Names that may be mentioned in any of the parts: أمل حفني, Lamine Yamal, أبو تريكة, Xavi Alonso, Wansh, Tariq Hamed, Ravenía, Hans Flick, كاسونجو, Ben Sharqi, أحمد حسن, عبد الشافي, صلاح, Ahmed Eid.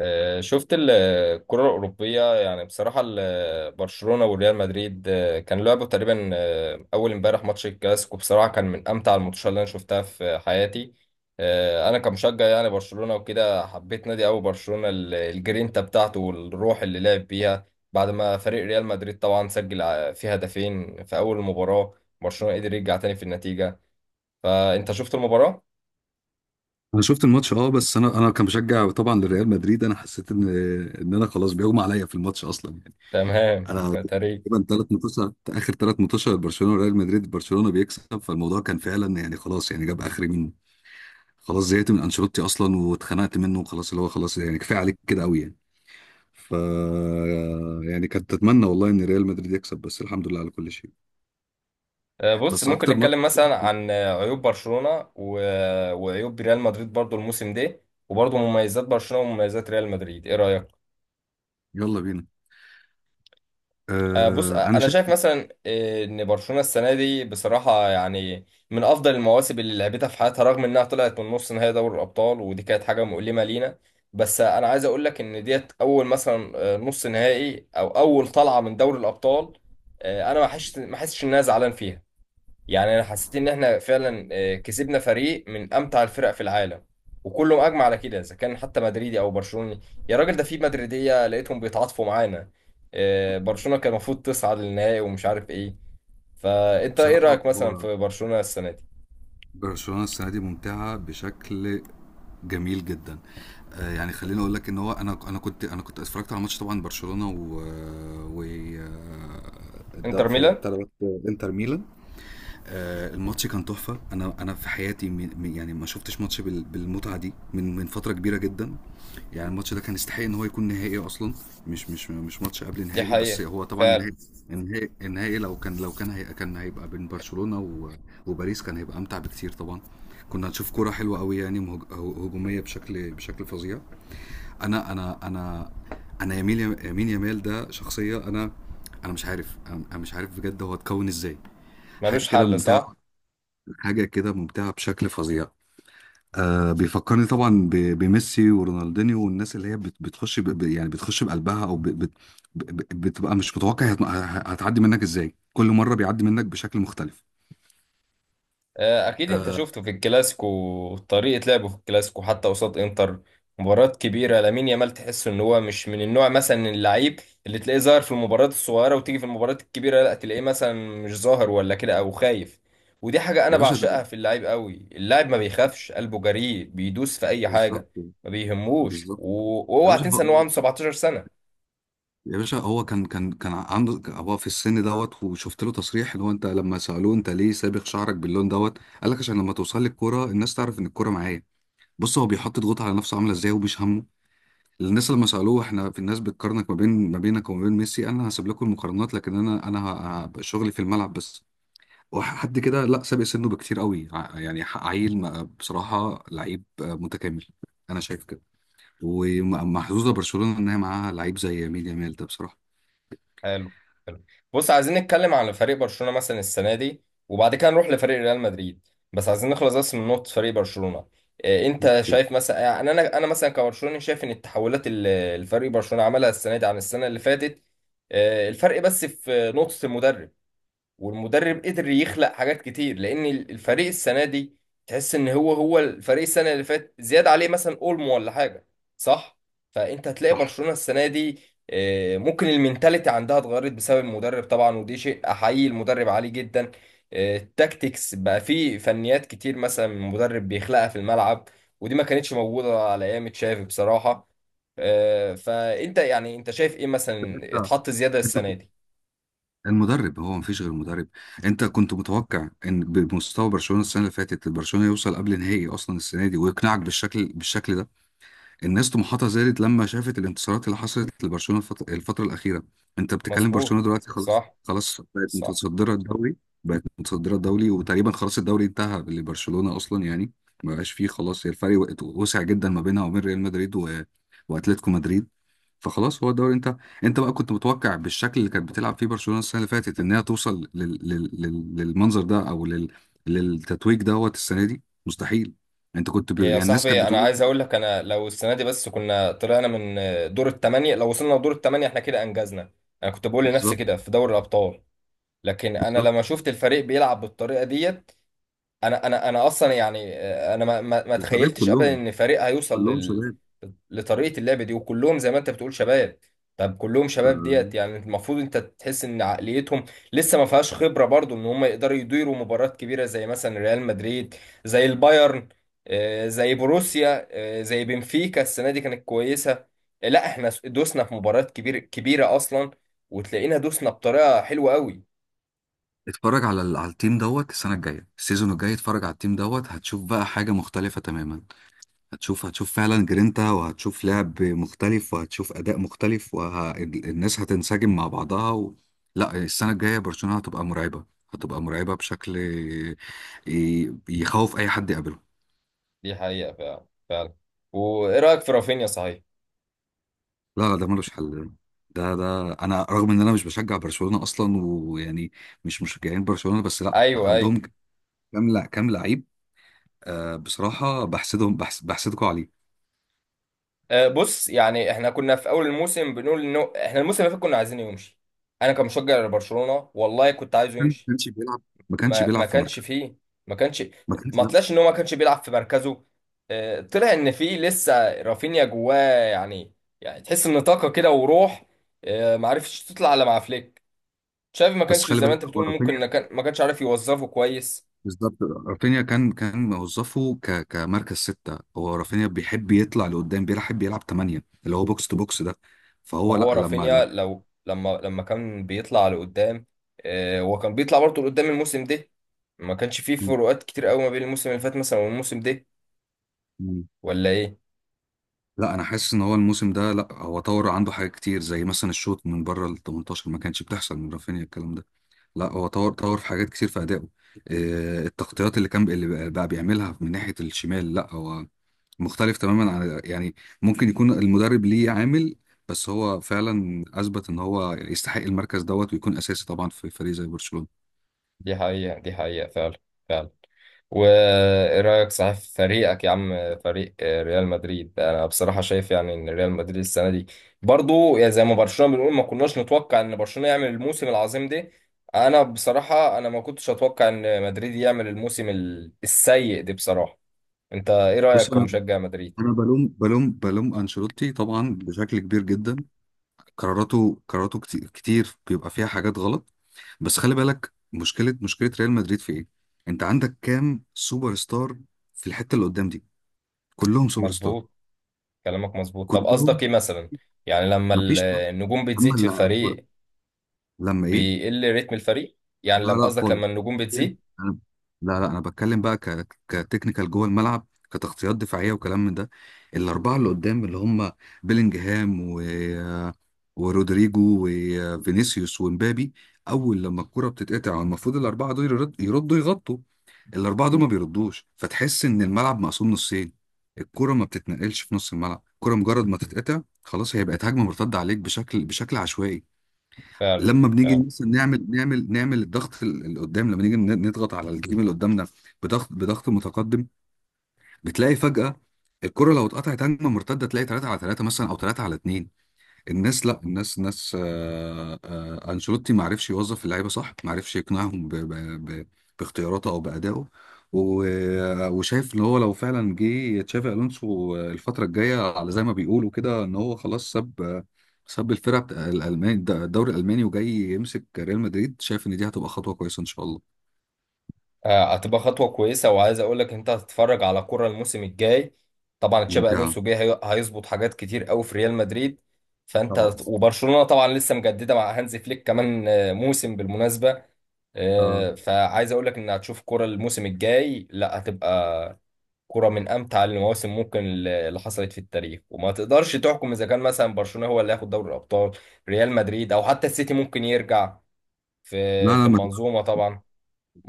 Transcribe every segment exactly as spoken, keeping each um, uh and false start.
آه، شفت ال- الكرة الأوروبية، يعني بصراحة ال- برشلونة وريال مدريد آه، كان لعبوا تقريبا آه، أول امبارح ماتش الكلاسيكو، بصراحة كان من أمتع الماتشات اللي أنا شفتها في حياتي. آه، أنا كمشجع يعني برشلونة وكده، حبيت نادي أوي برشلونة، ال- الجرينتا بتاعته والروح اللي لعب بيها بعد ما فريق ريال مدريد طبعا سجل ع- فيه هدفين في أول المباراة. برشلونة قدر يرجع تاني في النتيجة. فأنت شفت المباراة؟ انا شفت الماتش، اه بس انا انا كان بشجع طبعا لريال مدريد. انا حسيت ان ان انا خلاص بيغمى عليا في الماتش اصلا يعني. تمام. انا تاريخ. تقريبا ثلاث ماتشات اخر ثلاث ماتشات برشلونه وريال مدريد برشلونه بيكسب، فالموضوع كان فعلا، يعني خلاص، يعني جاب اخري منه. خلاص زهقت من انشيلوتي اصلا واتخنقت منه، وخلاص اللي هو خلاص يعني كفايه عليك كده قوي يعني. ف يعني كنت اتمنى والله ان ريال مدريد يكسب، بس الحمد لله على كل شيء. آه، بص، بس ممكن اكتر ماتش. نتكلم مثلا عن آه، عيوب برشلونة و... آه، وعيوب ريال مدريد برضو الموسم ده، وبرضو مميزات برشلونة ومميزات ريال مدريد. ايه رأيك؟ يلا بينا. آه، بص، آه، آه، انا انا شايف. شايف مثلا آه، ان برشلونة السنة دي بصراحة يعني من افضل المواسم اللي لعبتها في حياتها، رغم انها طلعت من نص نهائي دوري الابطال ودي كانت حاجة مؤلمة لينا. بس آه، انا عايز اقول لك ان ديت اول مثلا آه، نص نهائي او اول طلعة من دوري الابطال، آه، انا ما حسش ما حسش ان انا زعلان فيها. يعني انا حسيت ان احنا فعلا آه، كسبنا فريق من امتع الفرق في العالم، وكله اجمع على كده، اذا كان حتى مدريدي او برشلوني. يا راجل، ده في مدريديه لقيتهم بيتعاطفوا معانا. آه، برشلونه كان المفروض تصعد للنهائي، ومش عارف ايه. فانت ايه بصراحه، رايك مثلا هو في برشلونه السنه دي؟ برشلونه السنه دي ممتعه بشكل جميل جدا. آه، يعني خليني اقول لك ان هو انا انا كنت انا كنت اتفرجت على ماتش طبعا برشلونة و آه، و آه، الد- انتر في ميلان. بتاع دوت. انتر ميلان. آه، الماتش كان تحفة. أنا أنا في حياتي، من- من- يعني ما شفتش ماتش بال- بالمتعة دي من من فترة كبيرة جدا. يعني الماتش ده كان يستحق إن هو يكون نهائي أصلا، مش مش مش ماتش قبل دي نهائي، بس حقيقه، هو طبعا فعلا. النهائي. النهائي النهائي لو كان لو كان هي كان هيبقى بين برشلونة و- وباريس كان هيبقى أمتع بكتير طبعا. كنا هنشوف كرة حلوة قوي، يعني مهج- هو- هجومية بشكل بشكل فظيع. أنا أنا أنا. أنا يمين يمين يمال ده شخصية. أنا انا مش عارف، انا أنا مش عارف بجد هو اتكون ازاي. حاجه ملوش كده حل، صح. ممتعه حاجة كده ممتعة بشكل فظيع. آه بيفكرني طبعا ب- بميسي ورونالدينيو، والناس اللي هي بت- بتخش ب- ب- يعني بتخش بقلبها، او ب- بت- ب- بتبقى مش متوقع، هت- هتعدي منك ازاي. كل مرة بيعدي منك بشكل مختلف. آه، اكيد انت شفته في الكلاسيكو، طريقة لعبه في الكلاسيكو حتى قصاد انتر، مباريات كبيرة. لامين يامال تحس ان هو مش من النوع مثلا اللعيب اللي تلاقيه ظاهر في المباريات الصغيرة وتيجي في المباريات الكبيرة لا تلاقيه، مثلا مش ظاهر ولا كده او خايف. ودي حاجة انا يا باشا ده. بعشقها في اللعيب قوي، اللاعب ما بيخافش، قلبه جريء، بيدوس في اي حاجة، بالظبط، ما بيهموش. بالظبط. و- يا واوعى باشا تنسى ان هو هو عنده 17 سنة. يا باشا هو كان كان كان عنده هو في السن دوت، وشفت له تصريح اللي هو انت لما سألوه انت ليه سابغ شعرك باللون دوت؟ قال لك عشان لما توصل لي الكوره الناس تعرف ان الكوره معايا. بص، هو بيحط ضغوط على نفسه عامله ازاي، ومش همه. الناس لما سالوه احنا في الناس بتقارنك ما بين ما بينك وما بين ميسي، انا هسيب لكم المقارنات، لكن انا انا ه- ه- شغلي في الملعب بس. وحد كده، لا، سابق سنه بكتير قوي، ع- يعني ح- عيل، ما- بصراحه لعيب آه، متكامل. انا شايف كده. ومحظوظه برشلونه ان هي معاها لعيب زي مين يامال ده بصراحه. بص عايزين نتكلم على فريق برشلونة مثلا السنة دي، وبعد كده نروح لفريق ريال مدريد، بس عايزين نخلص بس من نقطة فريق برشلونة. إيه انت اوكي. شايف مثلا آه، يعني انا انا مثلا كبرشلوني شايف ان التحولات اللي الفريق برشلونة عملها السنة دي عن السنة اللي فاتت، إيه الفرق؟ بس في نقطة المدرب، والمدرب قدر يخلق حاجات كتير لان الفريق السنه دي تحس ان هو هو الفريق السنه اللي فات زياده عليه مثلا اولمو ولا حاجه، صح. فانت هتلاقي صح. برشلونه السنه دي آه، ممكن المينتاليتي عندها اتغيرت بسبب المدرب طبعا، ودي شيء احيي المدرب عليه جدا. آه، التاكتكس بقى فيه فنيات كتير مثلا المدرب بيخلقها في الملعب، ودي ما كانتش موجوده على ايام تشافي بصراحه. آه، فانت يعني، انت شايف ايه مثلا انت اتحط زياده انت السنه كنت- دي؟ المدرب، هو مفيش غير المدرب. انت كنت متوقع ان بمستوى برشلونه السنه اللي فاتت برشلونه يوصل قبل نهائي اصلا السنه دي، ويقنعك بالشكل بالشكل ده؟ الناس طموحاتها زادت لما شافت الانتصارات اللي حصلت لبرشلونه الفت- الفتره الاخيره. انت بتتكلم، مظبوط. برشلونه دلوقتي خلاص، صح، خلاص بقت صح. متصدره الدوري. بقت متصدره الدوري وتقريبا خلاص الدوري انتهى لبرشلونه اصلا يعني. ما بقاش فيه خلاص، هي الفرق وقت- وسع جدا ما بينها وبين ريال مدريد و... واتلتيكو مدريد. فخلاص هو الدوري. انت انت بقى كنت متوقع بالشكل اللي كانت بتلعب فيه برشلونه السنه اللي فاتت ان هي توصل لل... لل... لل... للمنظر ده او لل... للتتويج دوت السنه دي؟ مستحيل. انت كنت ب... إيه يا يعني الناس صاحبي، كانت انا بتقول. عايز اقول لك، انا لو السنه دي بس كنا طلعنا من دور الثمانيه، لو وصلنا لدور الثمانيه احنا كده انجزنا. انا كنت بقول لنفسي بالظبط، كده في دوري الابطال، لكن انا لما بالظبط. شفت الفريق بيلعب بالطريقه ديت، انا انا انا اصلا يعني آه، انا ما ما ما وشباب تخيلتش ابدا كلهم، ان فريق هيوصل كلهم لل... شباب. لطريقه اللعب دي، وكلهم زي ما انت بتقول شباب. طب كلهم ف... شباب ديت، يعني المفروض انت تحس ان عقليتهم لسه ما فيهاش خبره برضو، ان هم يقدروا يديروا مباريات كبيره زي مثلا ريال مدريد، زي البايرن، آه، زي بروسيا، آه، زي بنفيكا السنه دي كانت كويسه. آه، لا احنا دوسنا في مباريات كبير كبيره اصلا، وتلاقينا دوسنا بطريقه حلوه قوي. اتفرج على ال- على التيم دوت السنه الجايه، السيزون الجاي. اتفرج على التيم دوت هتشوف بقى حاجه مختلفه تماما. هتشوف هتشوف فعلا جرينتا، وهتشوف لعب مختلف، وهتشوف اداء مختلف، والناس هتنسجم مع بعضها و... لا، السنه الجايه برشلونه هتبقى مرعبه. هتبقى مرعبه بشكل ي- يخوف اي حد يقابله. دي حقيقه، فعلا فعلا. وايه رايك في رافينيا صحيح؟ لا لا، ده ملوش حل. ده ده انا رغم ان انا مش بشجع برشلونه اصلا ويعني، مش مشجعين برشلونه، بس لا، ايوه، ايوه. عندهم كام، لا كام لعيب. آه بصراحه بحسدهم، بحس بحسدكم عليه. أه بص، يعني احنا كنا في اول الموسم بنقول انه احنا الموسم اللي فات كنا عايزينه يمشي. انا كمشجع لبرشلونه والله كنت عايزه ما يمشي. كانش بيلعب، ما كانش ما بيلعب ما في مركز. كانش فيه، ما كانش. ما كانش، ما لا. طلعش ان هو ما كانش بيلعب في مركزه. أه طلع ان فيه لسه رافينيا جواه يعني يعني تحس ان طاقه كده وروح. أه ما عرفتش تطلع الا مع فليك. شافي ما بس كانش خلي زي ما بالك انت هو بتقول، ممكن ما رافينيا. كان ما كانش عارف يوظفه كويس. بالظبط. رافينيا كان كان موظفه ك... كمركز ستة. هو رافينيا بيحب يطلع لقدام، بيحب يلعب تمانية اللي هو بوكس تو بوكس ده. ما فهو لا، هو لما رافينيا، لما لو لما لما كان بيطلع لقدام، آه، هو كان بيطلع برضه لقدام الموسم ده. ما كانش فيه فروقات كتير قوي ما بين الموسم اللي فات مثلا والموسم ده، مم. ولا ايه؟ لا انا حاسس ان هو الموسم ده، لا، هو طور عنده حاجات كتير زي مثلا الشوط من بره ال تمنتاشر ما كانش بتحصل من رافينيا الكلام ده. لا هو طور، طور في حاجات كتير في ادائه. آه، التغطيات اللي كان، اللي بقى بقى بيعملها من ناحيه الشمال، لا هو مختلف تماما عن، يعني ممكن يكون المدرب ليه عامل. بس هو فعلا اثبت ان هو يستحق المركز دوت، ويكون اساسي طبعا في فريق زي برشلونه. دي حقيقة، دي حقيقة فعلا، فعلا. وايه رأيك صحيح في فريقك يا عم؟ فريق آه، ريال مدريد، انا بصراحة شايف يعني ان ريال مدريد السنة دي برضو يعني زي ما برشلونة، بنقول ما كناش نتوقع ان برشلونة يعمل الموسم العظيم ده. انا بصراحة انا ما كنتش اتوقع ان مدريد يعمل الموسم ال- السيء ده بصراحة. انت ايه رأيك بص، انا كمشجع مدريد؟ انا بلوم بلوم بلوم انشيلوتي طبعا بشكل كبير جدا. قراراته قراراته كتير، كتير بيبقى فيها حاجات غلط. بس خلي بالك، مشكله مشكله ريال مدريد في ايه. انت عندك كام سوبر ستار في الحته اللي قدام دي؟ كلهم سوبر ستار، مظبوط، كلامك مظبوط. طب كلهم. قصدك ايه مثلا، يعني لما ال- مفيش واحد. النجوم اما بتزيد في اللاعب الكرة، الفريق لما ايه؟ بيقل رتم الفريق؟ لا يعني لما، لا قصدك خالص. لما النجوم بتكلم- بتزيد. أنا- لا لا، انا بتكلم بقى ك... كتكنيكال جوه الملعب، كتغطيات دفاعيه وكلام من ده. الاربعه اللي قدام اللي هم بيلينجهام و... ورودريجو وفينيسيوس ومبابي. اول لما الكره بتتقطع، المفروض الاربعه دول يرد... يردوا يغطوا. الاربعه دول ما بيردوش، فتحس ان الملعب مقسوم نصين. الكره ما بتتنقلش في نص الملعب. الكره مجرد ما تتقطع خلاص، هي بقت هجمه مرتده عليك بشكل بشكل عشوائي. فعلا، لما بنيجي فعلا. مثلا نعمل نعمل نعمل الضغط ال- اللي قدام، لما نيجي ن- نضغط على الجيم اللي قدامنا. بضغط بضغط متقدم. بتلاقي فجأة الكرة لو اتقطعت هجمة مرتدة تلاقي تلاتة على ثلاثة مثلا، او ثلاثة على اتنين. الناس، لا، الناس ناس. آه، آه، انشيلوتي ما عرفش يوظف اللعيبه صح، ما عرفش يقنعهم ب- ب- ب- باختياراته او بادائه. و- وشايف ان هو لو فعلا جه تشافي الونسو الفتره الجايه، على زي ما بيقولوا كده ان هو خلاص ساب، ساب الفرقه بتاع الالماني، الدوري الالماني، وجاي يمسك ريال مدريد. شايف ان دي هتبقى خطوه كويسه ان شاء الله. آه، هتبقى خطوة كويسة، وعايز اقول لك انت هتتفرج على كرة الموسم الجاي. طبعا تشابي ممتعه. الونسو جاي، هي- هيظبط حاجات كتير قوي في ريال مدريد. فانت طبعا. هت- وبرشلونة طبعا لسه مجددة مع هانز فليك كمان آه، موسم بالمناسبة. اه. آه، فعايز اقول لك ان هتشوف كرة الموسم الجاي، لا هتبقى كرة من أمتع المواسم ممكن اللي حصلت في التاريخ. وما تقدرش تحكم إذا كان مثلا برشلونة هو اللي هياخد دوري الأبطال، ريال مدريد، أو حتى السيتي ممكن يرجع في لا في لا، ما تقدرش- المنظومة طبعا.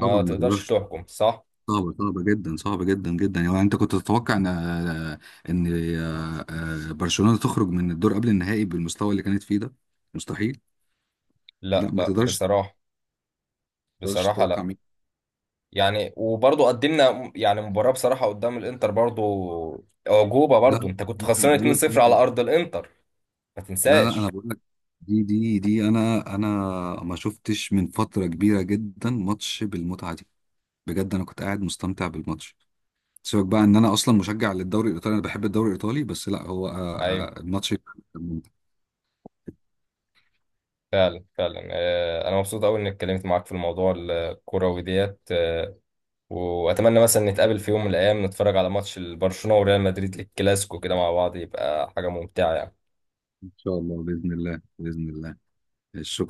طبعا ما تقدرش تقدرش. تحكم، صح؟ صعبة، صعبة جدا، صعبة جدا جدا. يعني انت كنت تتوقع ان ان آه، برشلونة تخرج من الدور قبل النهائي بالمستوى اللي كانت فيه ده؟ مستحيل. لا لا ما لا، تقدرش، ما بصراحة، تقدرش بصراحة تتوقع لا. مين. يعني وبرضه قدمنا يعني مباراة بصراحة قدام الإنتر، برضه أعجوبة. لا برضه أنت كنت انا خسران بقول لك. اتنين صفر انا على أرض الإنتر، ما لا لا انا تنساش. بقول لك، دي دي دي انا انا ما شفتش من فترة كبيرة جدا ماتش بالمتعة دي. بجد، انا كنت قاعد مستمتع بالماتش. سيبك بقى ان انا اصلا مشجع للدوري الايطالي، انا بحب الدوري الايطالي، بس لا هو، أيوه، آه، آه، الماتش ممتع. فعلا فعلا. آه، أنا مبسوط أوي إني اتكلمت معاك في الموضوع الكروي ديت. آه، واتمنى مثلا نتقابل في يوم من الايام، نتفرج على ماتش البرشلونه وريال مدريد الكلاسيكو كده مع بعض، يبقى حاجه ممتعه يعني. ان شاء الله، باذن الله، باذن الله شكرا.